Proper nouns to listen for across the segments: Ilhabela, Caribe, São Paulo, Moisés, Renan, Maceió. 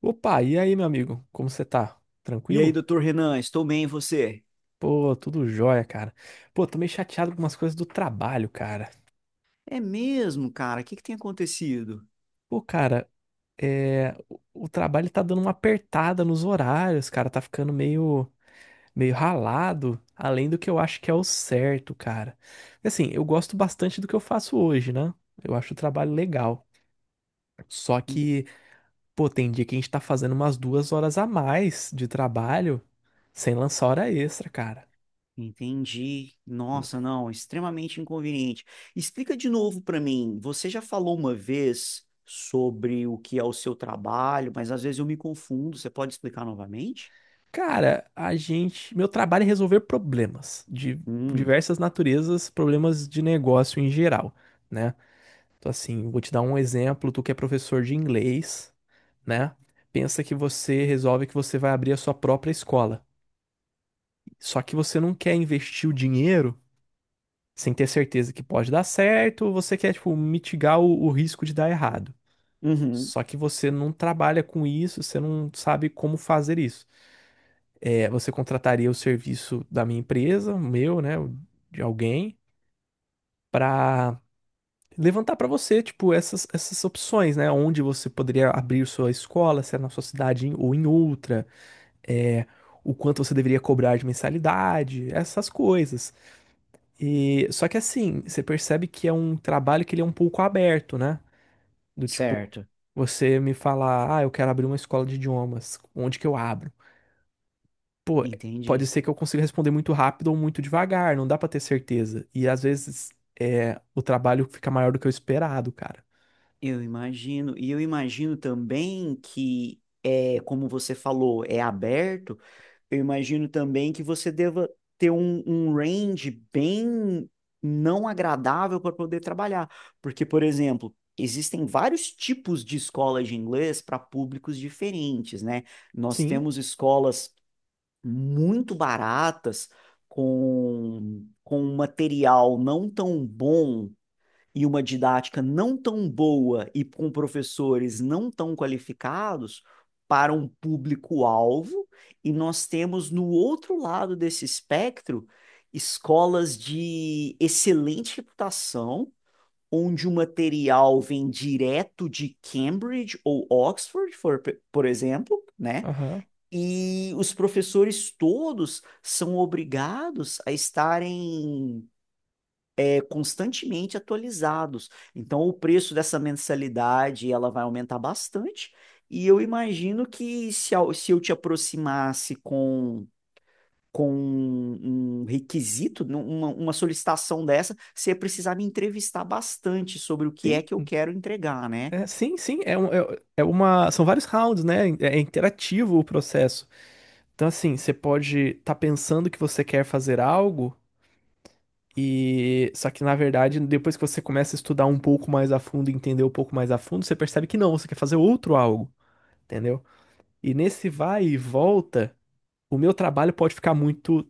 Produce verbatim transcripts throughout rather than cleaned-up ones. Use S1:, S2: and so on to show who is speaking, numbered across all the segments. S1: Opa, e aí, meu amigo? Como você tá?
S2: E aí,
S1: Tranquilo?
S2: doutor Renan, estou bem, e você?
S1: Pô, tudo jóia, cara. Pô, tô meio chateado com umas coisas do trabalho, cara.
S2: É mesmo, cara? O que que tem acontecido?
S1: Pô, cara, é... o o trabalho tá dando uma apertada nos horários, cara. Tá ficando meio, meio ralado, além do que eu acho que é o certo, cara. Assim, eu gosto bastante do que eu faço hoje, né? Eu acho o trabalho legal. Só
S2: En-
S1: que, pô, tem dia que a gente tá fazendo umas duas horas a mais de trabalho sem lançar hora extra, cara.
S2: Entendi. Nossa, não, extremamente inconveniente. Explica de novo para mim. Você já falou uma vez sobre o que é o seu trabalho, mas às vezes eu me confundo. Você pode explicar novamente?
S1: Cara, a gente. meu trabalho é resolver problemas de
S2: Hum,
S1: diversas naturezas, problemas de negócio em geral, né? Então, assim, vou te dar um exemplo. Tu que é professor de inglês, né? Pensa que você resolve que você vai abrir a sua própria escola. Só que você não quer investir o dinheiro sem ter certeza que pode dar certo, você quer, tipo, mitigar o, o risco de dar errado.
S2: uhum,
S1: Só que você não trabalha com isso, você não sabe como fazer isso. É, você contrataria o serviço da minha empresa, o meu, né, o de alguém, para levantar para você, tipo, essas, essas opções, né, onde você poderia abrir sua escola, se é na sua cidade em- ou em outra, é, o quanto você deveria cobrar de mensalidade, essas coisas. E só que assim, você percebe que é um trabalho que ele é um pouco aberto, né? Do tipo,
S2: certo.
S1: você me falar, ah, eu quero abrir uma escola de idiomas, onde que eu abro? Pô, pode
S2: Entendi.
S1: ser que eu consiga responder muito rápido ou muito devagar, não dá pra ter certeza. E às vezes é, o trabalho fica maior do que o esperado, cara.
S2: Eu imagino. E eu imagino também que é, como você falou, é aberto. Eu imagino também que você deva ter um, um range bem não agradável para poder trabalhar. Porque, por exemplo, existem vários tipos de escolas de inglês para públicos diferentes, né? Nós
S1: Sim,
S2: temos escolas muito baratas, com, com um material não tão bom e uma didática não tão boa e com professores não tão qualificados para um público-alvo, e nós temos no outro lado desse espectro escolas de excelente reputação, onde o material vem direto de Cambridge ou Oxford, por, por exemplo, né?
S1: aham.
S2: E os professores todos são obrigados a estarem constantemente atualizados. Então, o preço dessa mensalidade ela vai aumentar bastante. E eu imagino que se eu se eu te aproximasse com, com um requisito, num- uma, uma solicitação dessa, você ia precisar me entrevistar bastante sobre o que é que eu
S1: Sim,
S2: quero entregar, né?
S1: é, sim, sim, é, um- é, é uma, são vários rounds, né? É é interativo o processo. Então, assim, você pode estar pensando que você quer fazer algo e só que na verdade, depois que você começa a estudar um pouco mais a fundo, e entender um pouco mais a fundo, você percebe que não, você quer fazer outro algo, entendeu? E nesse vai e volta o meu trabalho pode ficar muito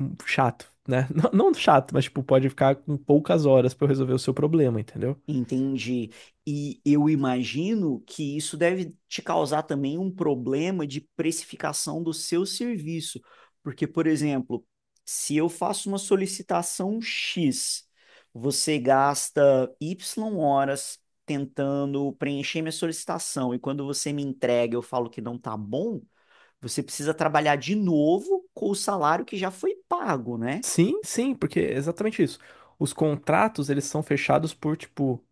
S1: hum, chato, né? Não, não chato, mas tipo, pode ficar com poucas horas pra eu resolver o seu problema, entendeu?
S2: Entendi. E eu imagino que isso deve te causar também um problema de precificação do seu serviço. Porque, por exemplo, se eu faço uma solicitação X, você gasta Y horas tentando preencher minha solicitação, e quando você me entrega, eu falo que não tá bom, você precisa trabalhar de novo com o salário que já foi pago, né?
S1: Sim, sim, porque é exatamente isso. Os contratos, eles são fechados por, tipo,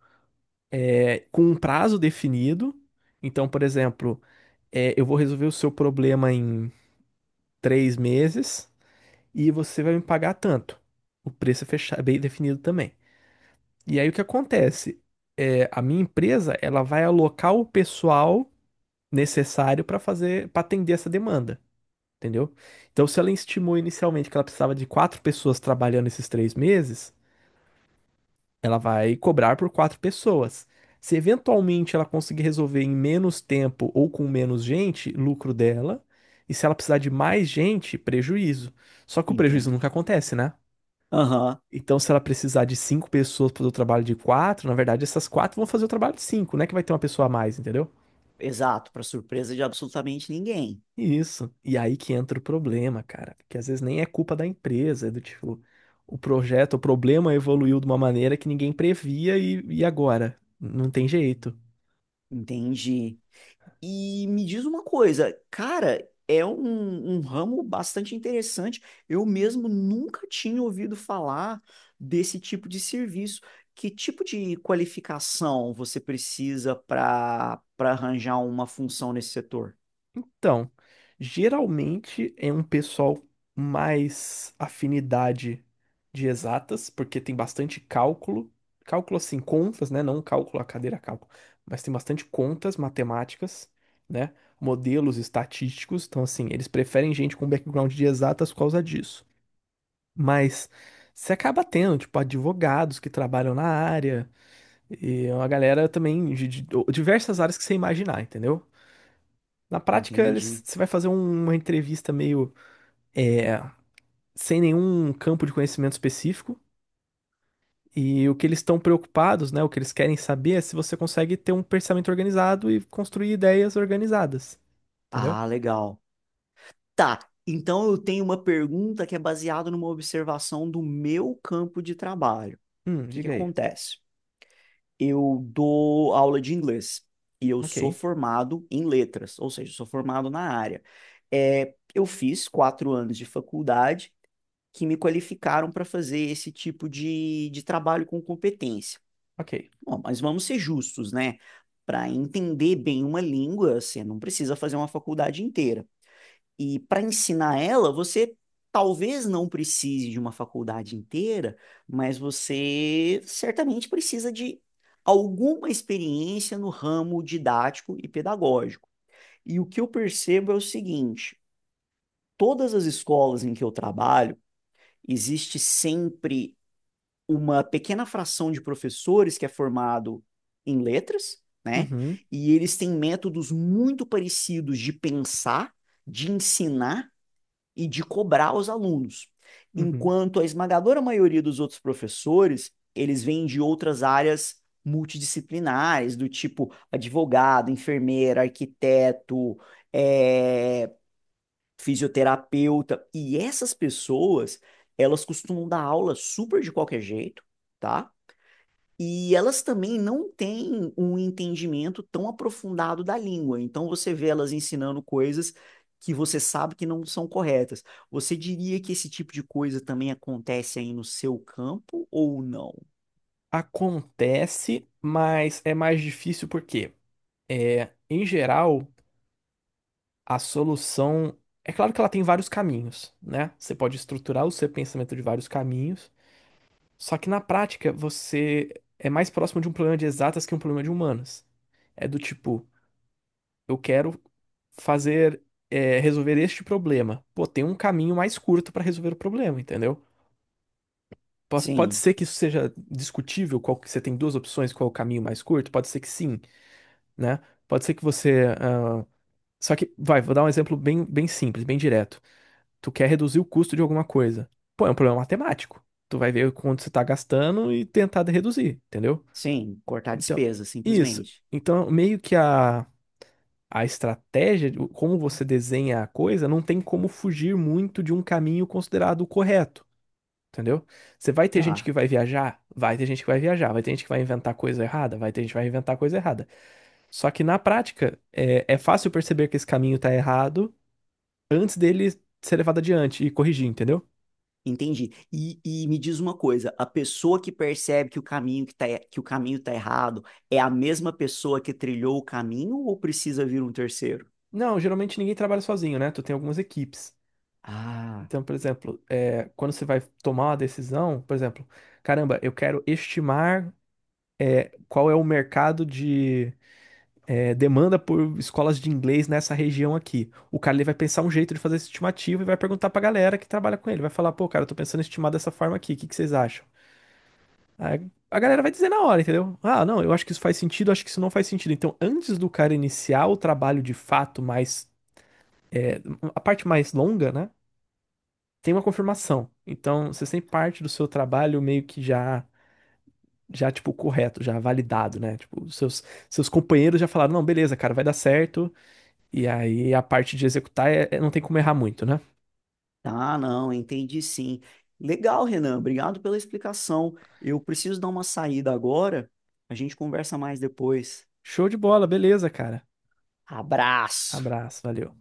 S1: é, com um prazo definido. Então, por exemplo, é, eu vou resolver o seu problema em três meses e você vai me pagar tanto. O preço é fecha- é bem definido também. E aí o que acontece? É, a minha empresa, ela vai alocar o pessoal necessário para fazer, para atender essa demanda, entendeu? Então, se ela estimou inicialmente que ela precisava de quatro pessoas trabalhando esses três meses, ela vai cobrar por quatro pessoas. Se eventualmente ela conseguir resolver em menos tempo ou com menos gente, lucro dela. E se ela precisar de mais gente, prejuízo. Só que o prejuízo
S2: Entendo.
S1: nunca acontece, né?
S2: Aham,
S1: Então, se ela precisar de cinco pessoas para o trabalho de quatro, na verdade, essas quatro vão fazer o trabalho de cinco, né? Que vai ter uma pessoa a mais, entendeu?
S2: exato, para surpresa de absolutamente ninguém.
S1: Isso. E aí que entra o problema, cara. Que às vezes nem é culpa da empresa, é do tipo, o projeto, o problema evoluiu de uma maneira que ninguém previa e, e agora? Não tem jeito.
S2: Entendi. E me diz uma coisa, cara, é um, um ramo bastante interessante. Eu mesmo nunca tinha ouvido falar desse tipo de serviço. Que tipo de qualificação você precisa para para arranjar uma função nesse setor?
S1: Então, geralmente é um pessoal mais afinidade de exatas, porque tem bastante cálculo. Cálculo assim, contas, né? Não cálculo, a cadeira cálculo. Mas tem bastante contas matemáticas, né? Modelos estatísticos. Então, assim, eles preferem gente com background de exatas por causa disso. Mas você acaba tendo, tipo, advogados que trabalham na área e uma galera também de, de diversas áreas que você imaginar, entendeu? Na prática, eles,
S2: Entendi.
S1: você vai fazer um- uma entrevista meio é, sem nenhum campo de conhecimento específico e o que eles estão preocupados, né, o que eles querem saber é se você consegue ter um pensamento organizado e construir ideias organizadas, entendeu?
S2: Ah, legal. Tá. Então eu tenho uma pergunta que é baseada numa observação do meu campo de trabalho. O
S1: Hum,
S2: que que
S1: diga aí.
S2: acontece? Eu dou aula de inglês e eu sou
S1: Ok,
S2: formado em letras, ou seja, sou formado na área. É, eu fiz quatro anos de faculdade que me qualificaram para fazer esse tipo de, de trabalho com competência.
S1: ok.
S2: Bom, mas vamos ser justos, né? Para entender bem uma língua, você não precisa fazer uma faculdade inteira. E para ensinar ela, você talvez não precise de uma faculdade inteira, mas você certamente precisa de alguma experiência no ramo didático e pedagógico. E o que eu percebo é o seguinte: todas as escolas em que eu trabalho, existe sempre uma pequena fração de professores que é formado em letras, né?
S1: Uhum,
S2: E eles têm métodos muito parecidos de pensar, de ensinar e de cobrar os alunos.
S1: uhum.
S2: Enquanto a esmagadora maioria dos outros professores, eles vêm de outras áreas multidisciplinares, do tipo advogado, enfermeira, arquiteto, é, fisioterapeuta. E essas pessoas, elas costumam dar aula super de qualquer jeito, tá? E elas também não têm um entendimento tão aprofundado da língua. Então você vê elas ensinando coisas que você sabe que não são corretas. Você diria que esse tipo de coisa também acontece aí no seu campo ou não?
S1: Acontece, mas é mais difícil por quê? É, em geral, a solução. É claro que ela tem vários caminhos, né? Você pode estruturar o seu pensamento de vários caminhos, só que na prática você é mais próximo de um problema de exatas que um problema de humanas. É do tipo, eu quero fazer, é, resolver este problema. Pô, tem um caminho mais curto para resolver o problema, entendeu? Pos- Pode
S2: Sim,
S1: ser que isso seja discutível, qual que você tem duas opções, qual é o caminho mais curto? Pode ser que sim, né? Pode ser que você ah, só que, vai, vou dar um exemplo bem, bem simples, bem direto. Tu quer reduzir o custo de alguma coisa. Pô, é um problema matemático. Tu vai ver quanto você tá gastando e tentar de reduzir, entendeu?
S2: sim, cortar
S1: Então,
S2: despesa,
S1: isso.
S2: simplesmente.
S1: Então, meio que a, a estratégia, o- como você desenha a coisa, não tem como fugir muito de um caminho considerado o correto, entendeu? Você vai ter gente que
S2: Tá,
S1: vai viajar? Vai ter gente que vai viajar. Vai ter gente que vai inventar coisa errada? Vai ter gente que vai inventar coisa errada. Só que na prática, é, é fácil perceber que esse caminho tá errado antes dele ser levado adiante e corrigir, entendeu?
S2: entendi. E, e me diz uma coisa, a pessoa que percebe que o caminho que tá, e- que o caminho tá errado é a mesma pessoa que trilhou o caminho ou precisa vir um terceiro?
S1: Não, geralmente ninguém trabalha sozinho, né? Tu tem algumas equipes.
S2: Ah.
S1: Então, por exemplo, é, quando você vai tomar uma decisão, por exemplo, caramba, eu quero estimar qual é o mercado de é, demanda por escolas de inglês nessa região aqui. O cara ele vai pensar um jeito de fazer essa estimativa e vai perguntar pra galera que trabalha com ele. Vai falar, pô, cara, eu tô pensando em estimar dessa forma aqui, o que que vocês acham? A, a galera vai dizer na hora, entendeu? Ah, não, eu acho que isso faz sentido, acho que isso não faz sentido. Então, antes do cara iniciar o trabalho de fato, mais, é, a parte mais longa, né? Tem uma confirmação. Então, você sempre parte do seu trabalho meio que já, já tipo, correto, já validado, né? Tipo, os seus, seus companheiros já falaram, não, beleza, cara, vai dar certo. E aí, a parte de executar é- é- não tem como errar muito, né?
S2: Ah, não, entendi sim. Legal, Renan, obrigado pela explicação. Eu preciso dar uma saída agora. A gente conversa mais depois.
S1: Show de bola, beleza, cara.
S2: Abraço!
S1: Abraço, valeu.